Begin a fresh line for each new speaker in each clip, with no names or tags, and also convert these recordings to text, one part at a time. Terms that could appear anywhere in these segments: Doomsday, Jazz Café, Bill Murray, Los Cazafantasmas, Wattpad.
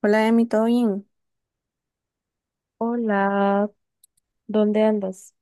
Hola, Emi, ¿todo bien?
Hola, ¿dónde andas?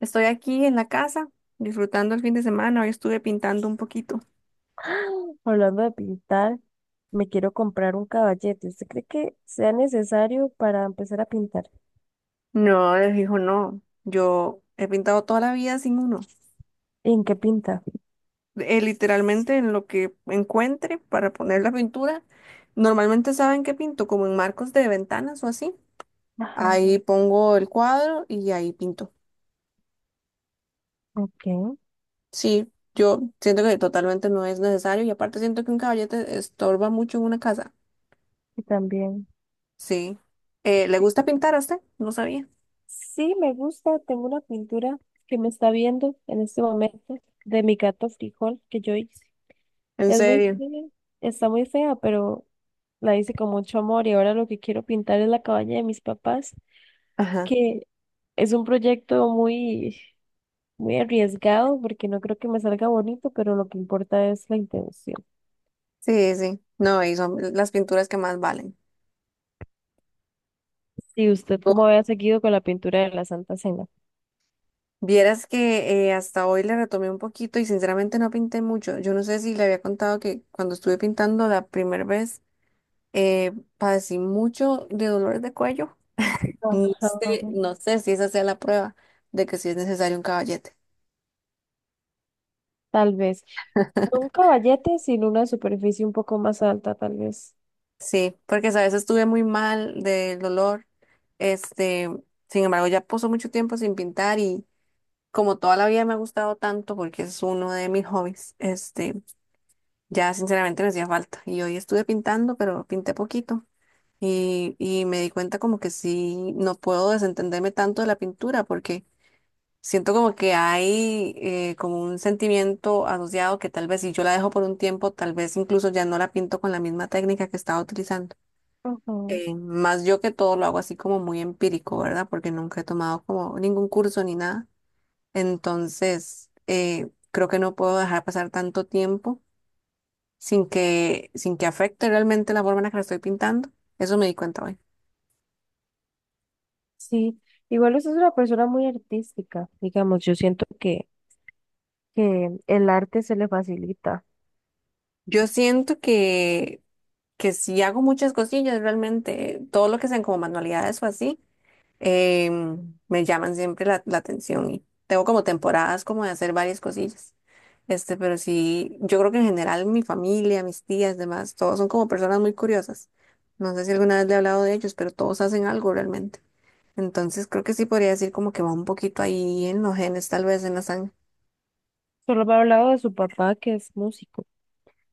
Estoy aquí en la casa disfrutando el fin de semana. Hoy estuve pintando un poquito.
¡Ah! Hablando de pintar, me quiero comprar un caballete. ¿Usted cree que sea necesario para empezar a pintar?
No, les dijo no. Yo he pintado toda la vida sin uno.
¿En qué pinta?
Literalmente en lo que encuentre para poner la pintura. Normalmente saben que pinto como en marcos de ventanas o así.
Ajá.
Ahí pongo el cuadro y ahí pinto.
Ok,
Sí, yo siento que totalmente no es necesario y aparte siento que un caballete estorba mucho en una casa.
y también.
Sí. ¿Le gusta pintar a usted? No sabía.
Sí, me gusta. Tengo una pintura que me está viendo en este momento de mi gato frijol que yo hice.
¿En
Es muy
serio?
fea, está muy fea, pero la hice con mucho amor y ahora lo que quiero pintar es la cabaña de mis papás,
Ajá.
que es un proyecto muy... muy arriesgado porque no creo que me salga bonito, pero lo que importa es la intención.
Sí, sí. No, y son las pinturas que más valen.
Si usted como
Oh,
había seguido con la pintura de la Santa Cena,
vieras que hasta hoy le retomé un poquito y sinceramente no pinté mucho. Yo no sé si le había contado que cuando estuve pintando la primera vez eh, padecí mucho de dolores de cuello. No
ajá.
sé, no sé si esa sea la prueba de que sí es necesario un caballete.
Tal vez. No un caballete, sino una superficie un poco más alta, tal vez.
Sí, porque a veces estuve muy mal del dolor. Este, sin embargo, ya pasó mucho tiempo sin pintar y como toda la vida me ha gustado tanto porque es uno de mis hobbies, ya sinceramente me hacía falta. Y hoy estuve pintando, pero pinté poquito. Y me di cuenta como que sí, no puedo desentenderme tanto de la pintura porque siento como que hay como un sentimiento asociado que tal vez si yo la dejo por un tiempo, tal vez incluso ya no la pinto con la misma técnica que estaba utilizando.
Ujú.
Más yo que todo lo hago así como muy empírico, ¿verdad? Porque nunca he tomado como ningún curso ni nada. Entonces, creo que no puedo dejar pasar tanto tiempo sin que afecte realmente la forma en la que la estoy pintando. Eso me di cuenta hoy.
Sí, igual usted es una persona muy artística, digamos, yo siento que el arte se le facilita.
Yo siento que si hago muchas cosillas realmente, todo lo que sean como manualidades o así, me llaman siempre la atención y tengo como temporadas como de hacer varias cosillas. Pero sí, yo creo que en general mi familia, mis tías, demás, todos son como personas muy curiosas. No sé si alguna vez le he hablado de ellos, pero todos hacen algo realmente. Entonces creo que sí podría decir como que va un poquito ahí en los genes, tal vez en la sangre.
Solo me ha hablado de su papá que es músico.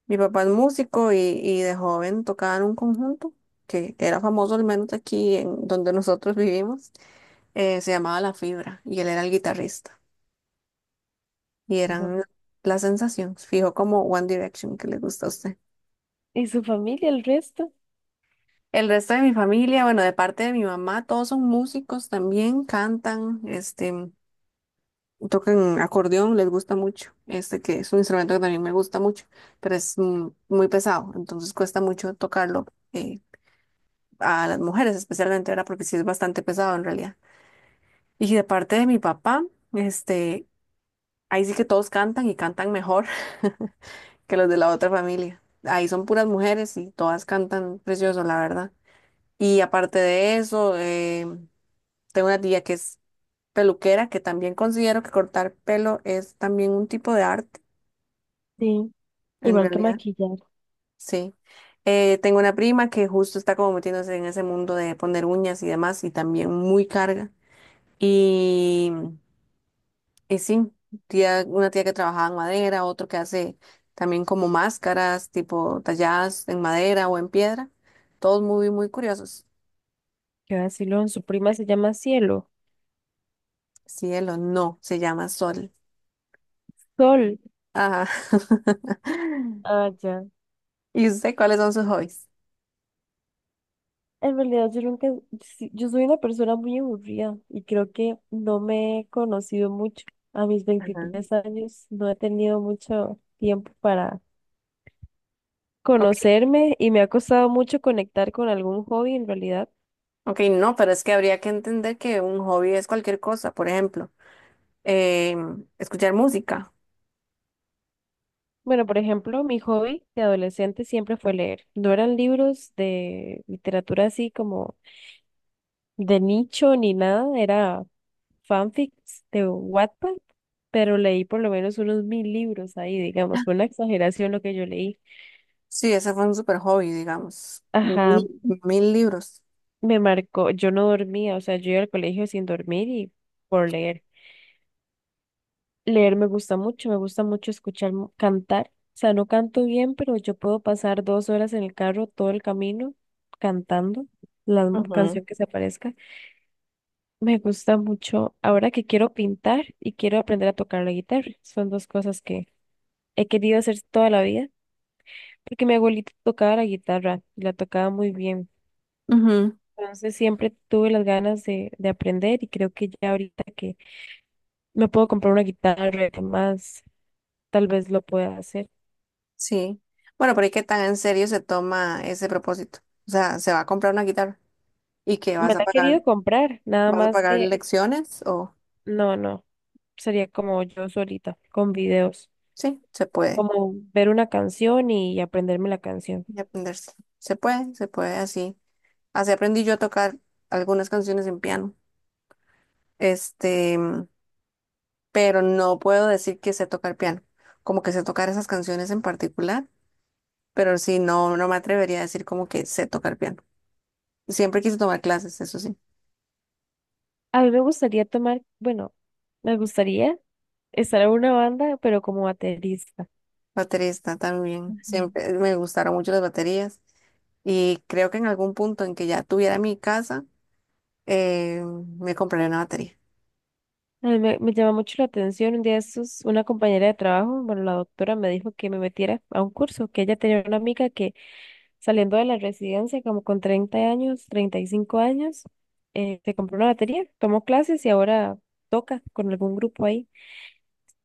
Mi papá es músico y de joven tocaba en un conjunto que era famoso, al menos aquí en donde nosotros vivimos. Se llamaba La Fibra y él era el guitarrista. Y
Digo,
eran las sensaciones, fijo como One Direction que le gusta a usted.
¿y su familia, el resto?
El resto de mi familia, bueno, de parte de mi mamá, todos son músicos también, cantan, tocan acordeón, les gusta mucho, este que es un instrumento que también me gusta mucho, pero es muy pesado, entonces cuesta mucho tocarlo eh, a las mujeres especialmente, era porque sí es bastante pesado en realidad. Y de parte de mi papá, este, ahí sí que todos cantan y cantan mejor que los de la otra familia. Ahí son puras mujeres y todas cantan precioso, la verdad. Y aparte de eso, tengo una tía que es peluquera, que también considero que cortar pelo es también un tipo de arte,
Sí,
en
igual que
realidad,
maquillar.
sí. Tengo una prima que justo está como metiéndose en ese mundo de poner uñas y demás, y también muy carga. Y y sí, tía, una tía que trabajaba en madera, otro que hace también como máscaras, tipo talladas en madera o en piedra. Todos muy, muy curiosos.
¿Qué va a decirlo? Su prima se llama Cielo.
Cielo, no, se llama Sol.
Sol.
Ajá.
Ah, ya.
¿Y usted cuáles son sus hobbies?
En realidad yo nunca, sí, yo soy una persona muy aburrida y creo que no me he conocido mucho. A mis
Ajá.
23 años no he tenido mucho tiempo para
Ok,
conocerme y me ha costado mucho conectar con algún hobby en realidad.
ok, no, pero es que habría que entender que un hobby es cualquier cosa. Por ejemplo, escuchar música.
Bueno, por ejemplo, mi hobby de adolescente siempre fue leer. No eran libros de literatura así como de nicho ni nada, era fanfics de Wattpad, pero leí por lo menos unos 1000 libros ahí, digamos, fue una exageración lo que yo leí.
Sí, ese fue un super hobby, digamos. Mil,
Ajá,
mil libros.
me marcó, yo no dormía, o sea, yo iba al colegio sin dormir y por leer. Leer me gusta mucho escuchar cantar, o sea, no canto bien, pero yo puedo pasar 2 horas en el carro todo el camino cantando la
Ujú.
canción que se aparezca. Me gusta mucho ahora que quiero pintar y quiero aprender a tocar la guitarra. Son dos cosas que he querido hacer toda la vida porque mi abuelita tocaba la guitarra y la tocaba muy bien.
Ujú.
Entonces siempre tuve las ganas de aprender y creo que ya ahorita que me puedo comprar una guitarra y demás, tal vez lo pueda hacer.
Sí. Bueno, pero es que tan en serio se toma ese propósito. O sea, se va a comprar una guitarra y qué
Me la he querido comprar, nada
vas a
más
pagar
que
lecciones o
no, no, sería como yo solita, con videos,
sí, se puede
como ver una canción y aprenderme la canción.
y aprenderse. Se puede así. Así aprendí yo a tocar algunas canciones en piano. Este, pero no puedo decir que sé tocar piano, como que sé tocar esas canciones en particular, pero sí, no, no me atrevería a decir como que sé tocar piano. Siempre quise tomar clases, eso sí.
A mí me gustaría tomar, bueno, me gustaría estar en una banda, pero como baterista.
Baterista también. Siempre me gustaron mucho las baterías. Y creo que en algún punto en que ya tuviera mi casa, eh, me compraré una batería.
A mí me llama mucho la atención. Un día estos, una compañera de trabajo, bueno, la doctora me dijo que me metiera a un curso, que ella tenía una amiga que saliendo de la residencia, como con 30 años, 35 años, se compró una batería, tomó clases y ahora toca con algún grupo ahí.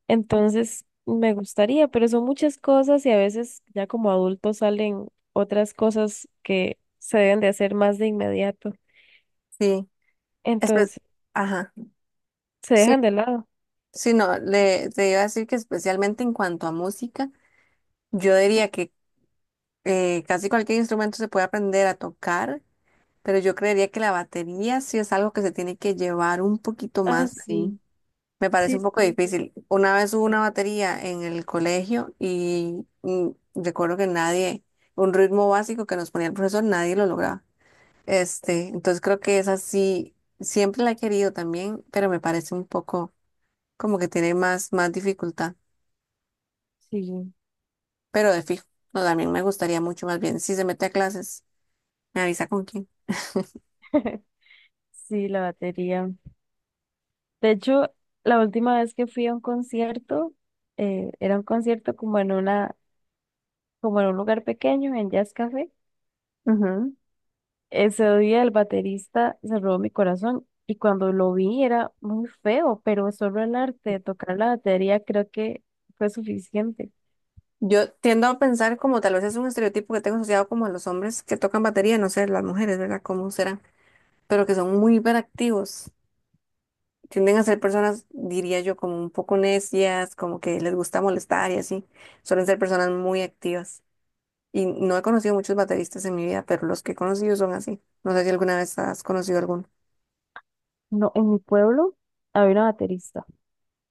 Entonces, me gustaría, pero son muchas cosas y a veces ya como adultos salen otras cosas que se deben de hacer más de inmediato.
Sí. Espe-
Entonces,
Ajá.
se
Sí,
dejan de lado.
sí, no, le, te iba a decir que especialmente en cuanto a música, yo diría que casi cualquier instrumento se puede aprender a tocar, pero yo creería que la batería sí es algo que se tiene que llevar un poquito
Ah,
más. Sí.
sí,
Me parece
sí,
un poco
sí,
difícil. Una vez hubo una batería en el colegio y recuerdo que nadie, un ritmo básico que nos ponía el profesor, nadie lo lograba. Entonces creo que esa sí, siempre la he querido también, pero me parece un poco como que tiene más, más dificultad.
sí.
Pero de fijo, no, también me gustaría mucho más bien. Si se mete a clases, me avisa con quién.
Sí, la batería. De hecho, la última vez que fui a un concierto, era un concierto como en una, como en un lugar pequeño, en Jazz Café.
Ujú.
Ese día el baterista se robó mi corazón y cuando lo vi era muy feo, pero solo el arte de tocar la batería creo que fue suficiente.
Yo tiendo a pensar como tal vez es un estereotipo que tengo asociado como a los hombres que tocan batería, no sé, las mujeres, ¿verdad? ¿Cómo será? Pero que son muy hiperactivos. Tienden a ser personas, diría yo, como un poco necias, como que les gusta molestar y así. Suelen ser personas muy activas. Y no he conocido muchos bateristas en mi vida, pero los que he conocido son así. No sé si alguna vez has conocido alguna,
No, en mi pueblo había una baterista.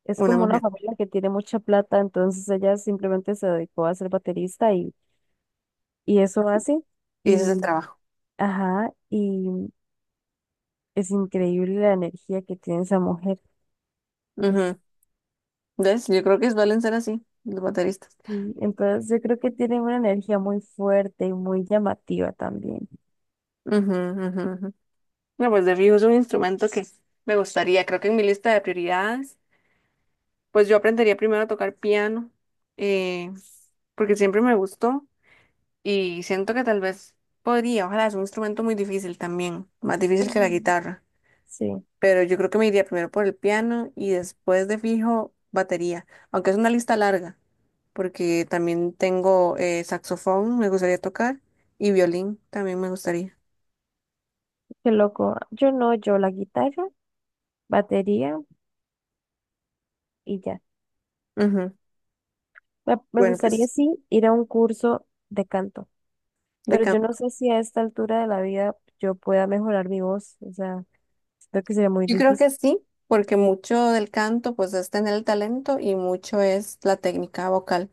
Es
una
como una
mujer.
familia que tiene mucha plata, entonces ella simplemente se dedicó a ser baterista y eso hace.
Y ese es el
Y,
trabajo.
ajá, y es increíble la energía que tiene esa mujer.
Ujú. ¿Ves? Yo creo que suelen ser así, los bateristas.
Sí, entonces yo creo que tienen una energía muy fuerte y muy llamativa también.
Ujú, ujú, ujú. No, pues de fijo es un instrumento que me gustaría. Creo que en mi lista de prioridades, pues yo aprendería primero a tocar piano, eh, porque siempre me gustó. Y siento que tal vez podría, ojalá, es un instrumento muy difícil también, más difícil que la
Ujú.
guitarra.
Sí,
Pero yo creo que me iría primero por el piano y después de fijo batería, aunque es una lista larga, porque también tengo saxofón, me gustaría tocar, y violín también me gustaría.
qué loco. Yo no, yo la guitarra, batería y ya.
Ujú.
Me
Bueno,
gustaría
pues
sí ir a un curso de canto,
de
pero yo no
canto.
sé si a esta altura de la vida yo pueda mejorar mi voz. O sea, siento que sería muy
Yo creo
difícil,
que sí, porque mucho del canto pues es tener el talento y mucho es la técnica vocal.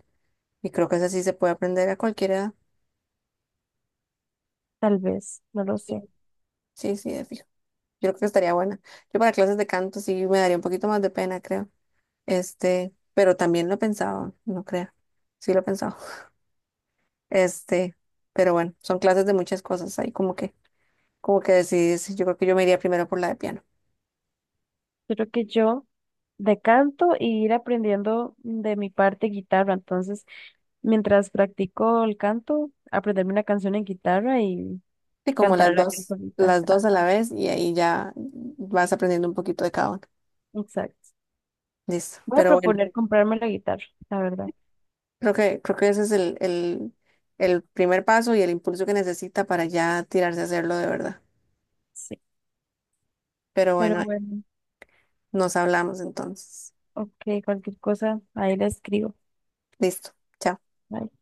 Y creo que eso sí se puede aprender a cualquier edad.
tal vez, no lo
Sí,
sé.
sí, sí, de fijo. Yo creo que estaría buena. Yo para clases de canto sí me daría un poquito más de pena, creo. Pero también lo he pensado, no creo. Sí lo he pensado. Este, pero bueno, son clases de muchas cosas ahí como que decides, yo creo que yo me iría primero por la de piano.
Creo que yo decanto y ir aprendiendo de mi parte guitarra. Entonces, mientras practico el canto, aprenderme una canción en guitarra y
Y como
cantarla yo solita.
las dos
Ah,
a la vez y ahí ya vas aprendiendo un poquito de cada uno.
exacto.
Listo.
Voy a
Pero bueno,
proponer comprarme la guitarra, la verdad.
creo que ese es el primer paso y el impulso que necesita para ya tirarse a hacerlo de verdad.
Sí.
Pero
Pero
bueno,
bueno,
nos hablamos entonces.
ok, cualquier cosa, ahí la escribo.
Listo. Chao.
Bye.